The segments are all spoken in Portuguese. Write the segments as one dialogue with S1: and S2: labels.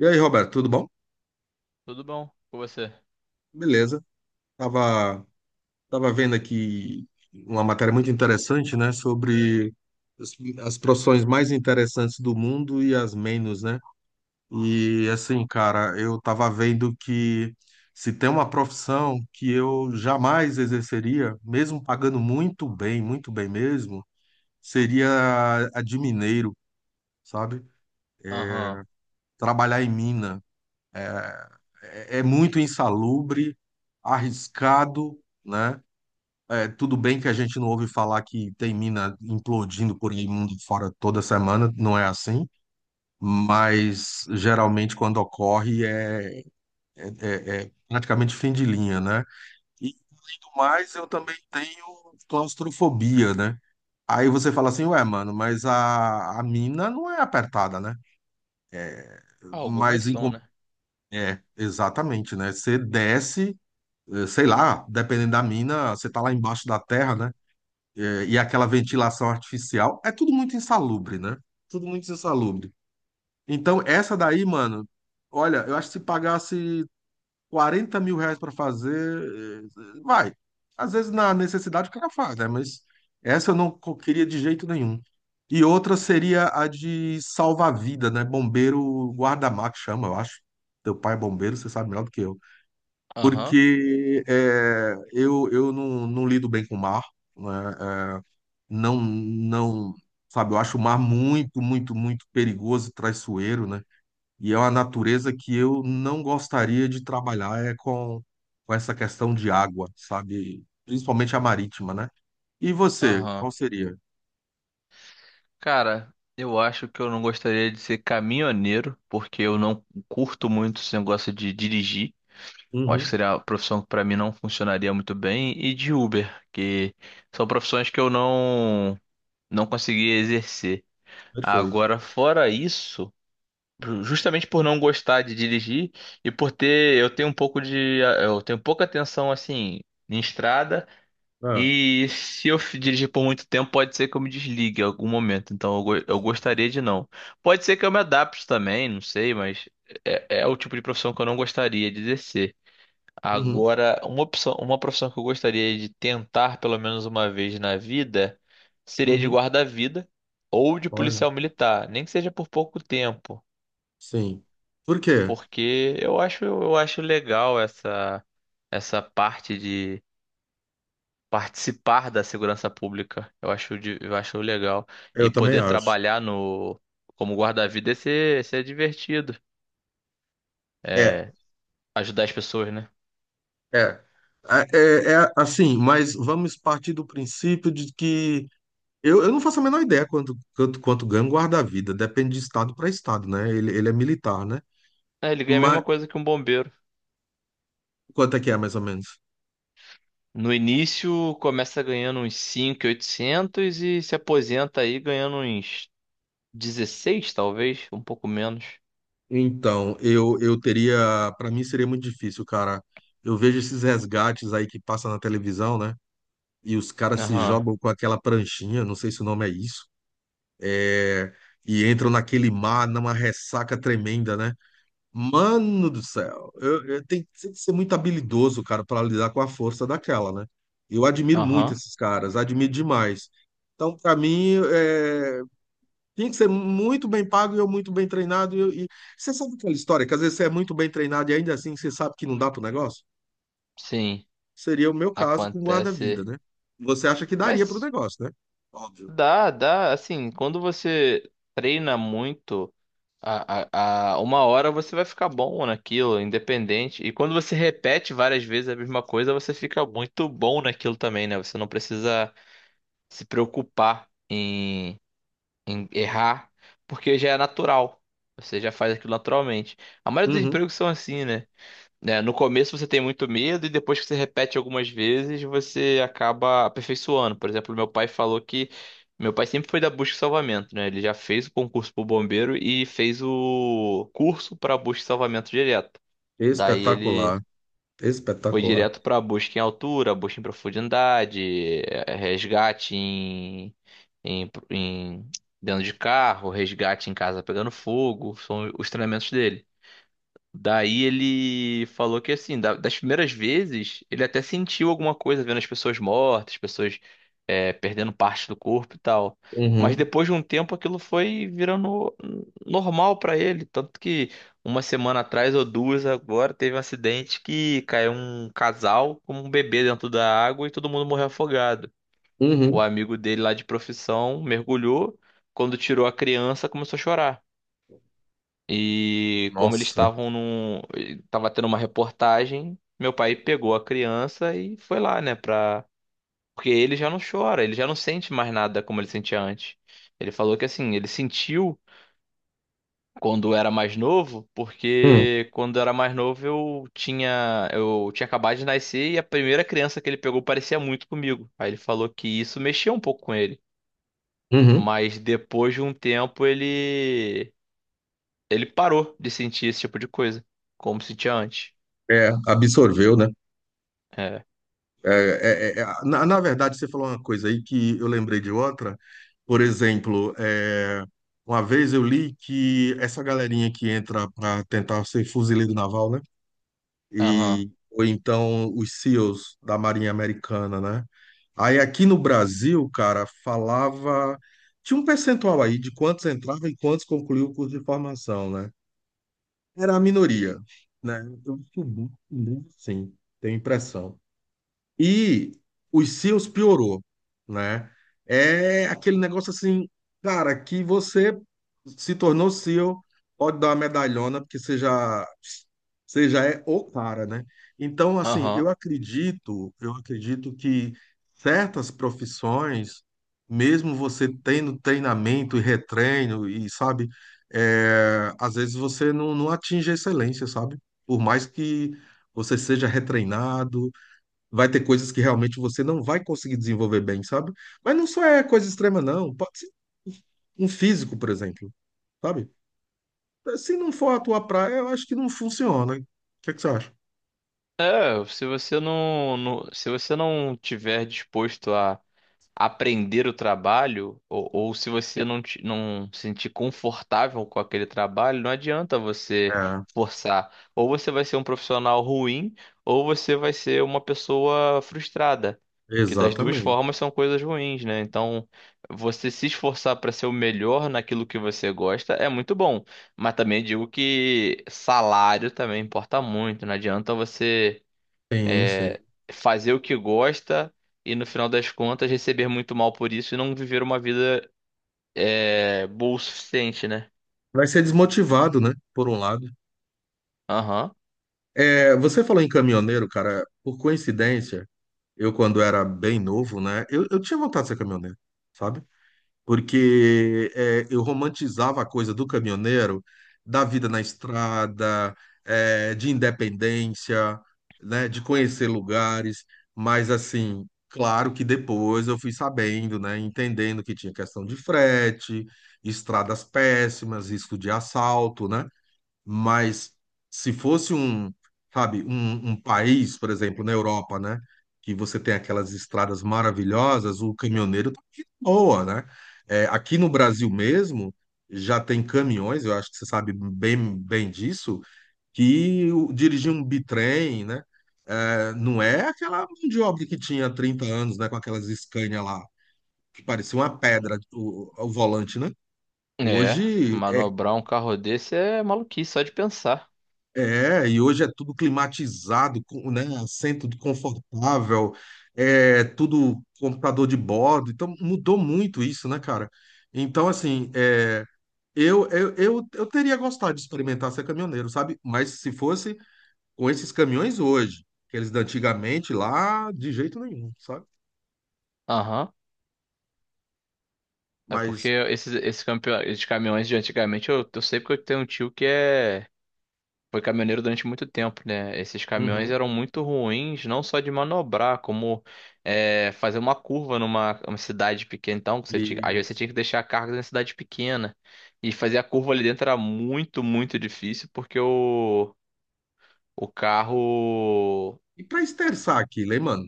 S1: E aí, Roberto, tudo bom?
S2: Tudo bom com você?
S1: Beleza. Tava, tava vendo aqui uma matéria muito interessante, né, sobre as, as profissões mais interessantes do mundo e as menos, né? E assim, cara, eu tava vendo que se tem uma profissão que eu jamais exerceria, mesmo pagando muito bem mesmo, seria a de mineiro, sabe?
S2: Aham.
S1: Trabalhar em mina. É muito insalubre, arriscado, né? É, tudo bem que a gente não ouve falar que tem mina implodindo por aí mundo fora toda semana, não é assim, mas geralmente quando ocorre é praticamente fim de linha, né? E além do mais, eu também tenho claustrofobia, né? Aí você fala assim, ué, mano, mas a mina não é apertada, né?
S2: Ah, algumas
S1: Mas em,
S2: são,
S1: com-
S2: né?
S1: é, exatamente, né? Você desce, sei lá, dependendo da mina, você tá lá embaixo da terra, né? E aquela ventilação artificial, é tudo muito insalubre, né? Tudo muito insalubre. Então, essa daí, mano, olha, eu acho que se pagasse 40 mil reais para fazer, vai. Às vezes, na necessidade, o cara faz, né? Mas essa eu não queria de jeito nenhum. E outra seria a de salva-vida, né? Bombeiro guarda-mar, que chama, eu acho. Teu pai é bombeiro, você sabe melhor do que eu.
S2: Aham.
S1: Porque eu não lido bem com o mar, né? Não, não, sabe, eu acho o mar muito, muito, muito perigoso e traiçoeiro, né? E é uma natureza que eu não gostaria de trabalhar é com essa questão de água, sabe? Principalmente a marítima, né? E você,
S2: Aham.
S1: qual seria?
S2: Cara, eu acho que eu não gostaria de ser caminhoneiro, porque eu não curto muito esse negócio de dirigir. Eu acho que
S1: Uhum,
S2: seria uma profissão que pra mim não funcionaria muito bem. E de Uber, que são profissões que eu não conseguia exercer.
S1: perfeito.
S2: Agora, fora isso, justamente por não gostar de dirigir e por ter, eu tenho um pouco de, eu tenho pouca atenção assim. Em estrada.
S1: Ah,
S2: E se dirigir por muito tempo, pode ser que eu me desligue em algum momento. Eu
S1: sim.
S2: gostaria de não. Pode ser que eu me adapte também, não sei, mas é o tipo de profissão que eu não gostaria de exercer.
S1: Uhum,
S2: Agora, uma opção, uma profissão que eu gostaria de tentar pelo menos uma vez na vida seria de
S1: uhum.
S2: guarda-vida ou de
S1: Olha,
S2: policial militar, nem que seja por pouco tempo,
S1: sim. Por quê?
S2: porque eu acho legal essa parte, participar da segurança pública. Eu acho legal. E
S1: Eu também
S2: poder
S1: acho.
S2: trabalhar no como guarda-vida é ser divertido.
S1: É,
S2: É, ajudar as pessoas, né?
S1: é. É, é, é assim, mas vamos partir do princípio de que eu não faço a menor ideia quanto ganha um guarda-vida. Depende de estado para estado, né? Ele é militar, né?
S2: É, ele ganha a mesma
S1: Mas
S2: coisa que um bombeiro.
S1: quanto é que é, mais ou menos?
S2: No início, começa ganhando uns 5.800 e oitocentos e se aposenta aí ganhando uns 16 talvez, um pouco menos.
S1: Então, eu teria. Para mim seria muito difícil, cara. Eu vejo esses resgates aí que passam na televisão, né? E os caras se
S2: Aham,
S1: jogam com aquela pranchinha, não sei se o nome é isso, é, e entram naquele mar, numa ressaca tremenda, né? Mano do céu, tem que ser muito habilidoso, cara, para lidar com a força daquela, né? Eu admiro muito
S2: aham,
S1: esses caras, admiro demais. Então, para mim, tem que ser muito bem pago e eu muito bem treinado. Você sabe aquela história que às vezes você é muito bem treinado e ainda assim você sabe que não dá pro negócio?
S2: sim,
S1: Seria o meu caso com guarda-vida,
S2: acontece.
S1: né? Você acha que daria pro
S2: Mas
S1: negócio, né? Óbvio.
S2: dá, dá. Assim, quando você treina muito, uma hora você vai ficar bom naquilo, independente. E quando você repete várias vezes a mesma coisa, você fica muito bom naquilo também, né? Você não precisa se preocupar em errar, porque já é natural. Você já faz aquilo naturalmente. A maioria dos
S1: Uhum.
S2: empregos são assim, né? Né? No começo você tem muito medo e depois que você repete algumas vezes, você acaba aperfeiçoando. Por exemplo, meu pai falou que meu pai sempre foi da busca e salvamento, né? Ele já fez o concurso para o bombeiro e fez o curso para busca e salvamento direto. Daí ele
S1: Espetacular,
S2: foi
S1: espetacular.
S2: direto para busca em altura, busca em profundidade, resgate em dentro de carro, resgate em casa pegando fogo, são os treinamentos dele. Daí ele falou que assim, das primeiras vezes, ele até sentiu alguma coisa vendo as pessoas mortas, pessoas perdendo parte do corpo e tal. Mas
S1: Uhum.
S2: depois de um tempo aquilo foi virando normal pra ele. Tanto que uma semana atrás ou duas agora teve um acidente que caiu um casal com um bebê dentro da água e todo mundo morreu afogado. O
S1: Uhum.
S2: amigo dele lá de profissão mergulhou, quando tirou a criança começou a chorar. E como eles
S1: Nossa.
S2: estavam num. Tava tendo uma reportagem, meu pai pegou a criança e foi lá, né? Pra... Porque ele já não chora, ele já não sente mais nada como ele sentia antes. Ele falou que assim, ele sentiu quando era mais novo,
S1: Hum.
S2: porque quando era mais novo eu tinha acabado de nascer e a primeira criança que ele pegou parecia muito comigo. Aí ele falou que isso mexia um pouco com ele.
S1: Uhum.
S2: Mas depois de um tempo ele parou de sentir esse tipo de coisa, como sentia antes.
S1: É, absorveu, né?
S2: É.
S1: Na verdade, você falou uma coisa aí que eu lembrei de outra. Por exemplo, uma vez eu li que essa galerinha que entra para tentar ser fuzileiro naval, né?
S2: Aham.
S1: E, ou então os SEALs da Marinha Americana, né? Aí aqui no Brasil, cara, falava. Tinha um percentual aí de quantos entravam e quantos concluíam o curso de formação, né? Era a minoria, né? Sim, tenho impressão. E os seus piorou, né? É aquele negócio assim, cara, que você se tornou seu, pode dar uma medalhona, porque você já é o cara, né? Então, assim,
S2: Aham.
S1: eu acredito que certas profissões, mesmo você tendo treinamento e retreino, e sabe, é, às vezes você não atinge a excelência, sabe? Por mais que você seja retreinado vai ter coisas que realmente você não vai conseguir desenvolver bem, sabe? Mas não só é coisa extrema, não. Pode ser um um físico, por exemplo, sabe? Se não for a tua praia, eu acho que não funciona. O que é que você acha?
S2: É, se você não tiver disposto a aprender o trabalho, ou se você não se sentir confortável com aquele trabalho, não adianta você
S1: É,
S2: forçar. Ou você vai ser um profissional ruim, ou você vai ser uma pessoa frustrada. Que das duas
S1: exatamente.
S2: formas são coisas ruins, né? Então, você se esforçar para ser o melhor naquilo que você gosta é muito bom. Mas também digo que salário também importa muito. Não adianta você
S1: Sim, sim.
S2: é, fazer o que gosta e no final das contas receber muito mal por isso e não viver uma vida boa o suficiente, né?
S1: Vai ser desmotivado, né? Por um lado.
S2: Aham.
S1: É, você falou em caminhoneiro, cara. Por coincidência, eu, quando era bem novo, né? Eu tinha vontade de ser caminhoneiro, sabe? Porque eu romantizava a coisa do caminhoneiro, da vida na estrada, de independência, né, de conhecer lugares, mas assim, claro que depois eu fui sabendo, né, entendendo que tinha questão de frete, estradas péssimas, risco de assalto, né? Mas se fosse um, sabe, um país, por exemplo, na Europa, né? Que você tem aquelas estradas maravilhosas, o caminhoneiro tá de boa, né? É, aqui no Brasil mesmo, já tem caminhões, eu acho que você sabe bem, bem disso, dirigir um bitrem, né? Não é aquela mão de obra que tinha 30 anos, né? Com aquelas Scania lá, que parecia uma pedra, o volante, né?
S2: É,
S1: Hoje é
S2: manobrar um carro desse é maluquice, só de pensar.
S1: É, e hoje é tudo climatizado, com, né? Assento confortável, é tudo computador de bordo. Então mudou muito isso, né, cara? Então, assim, eu teria gostado de experimentar ser caminhoneiro, sabe? Mas se fosse com esses caminhões hoje, aqueles de antigamente lá, de jeito nenhum, sabe?
S2: Aham. É porque
S1: Mas,
S2: campeões, esses caminhões de antigamente, eu sei porque eu tenho um tio que é. Foi caminhoneiro durante muito tempo, né? Esses caminhões
S1: uhum,
S2: eram muito ruins, não só de manobrar, como fazer uma curva numa uma cidade pequena. Então, às vezes você tinha
S1: isso.
S2: que deixar cargas na cidade pequena. E fazer a curva ali dentro era muito, muito difícil, porque o carro.
S1: E para esterçar aquilo, hein, mano?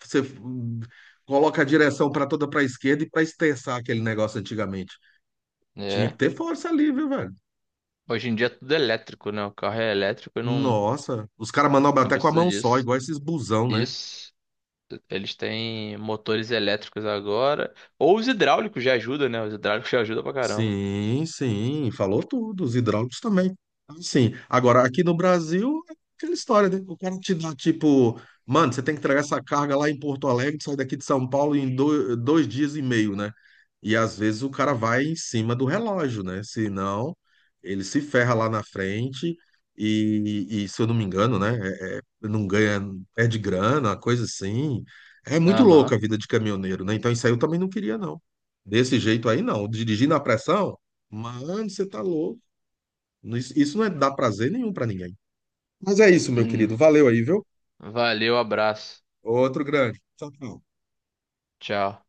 S1: Você coloca a direção para toda para a esquerda e para esterçar aquele negócio antigamente. Tinha que
S2: É.
S1: ter força ali, viu, velho?
S2: Hoje em dia é tudo é elétrico, né? O carro é elétrico e não,
S1: Nossa, os caras manobram
S2: não
S1: até com a
S2: precisa
S1: mão só,
S2: disso.
S1: igual esses busão, né?
S2: Isso. Eles têm motores elétricos agora. Ou os hidráulicos já ajudam, né? Os hidráulicos já ajudam pra caramba.
S1: Sim, sim, falou tudo, os hidráulicos também. Sim, agora aqui no Brasil é aquela história, né? O cara te dá tipo, mano, você tem que entregar essa carga lá em Porto Alegre, sai daqui de São Paulo em dois, dias e meio, né? E às vezes o cara vai em cima do relógio, né? Senão ele se ferra lá na frente e se eu não me engano, né? Não ganha, perde grana, uma coisa assim. É muito louco
S2: Aham.
S1: a vida de caminhoneiro, né? Então isso aí eu também não queria, não. Desse jeito aí, não. Dirigir na pressão? Mano, você tá louco. Isso não é dar prazer nenhum pra ninguém. Mas é isso, meu
S2: Hum,
S1: querido. Valeu aí, viu?
S2: valeu, abraço.
S1: Outro grande. Tchau, tchau.
S2: Tchau.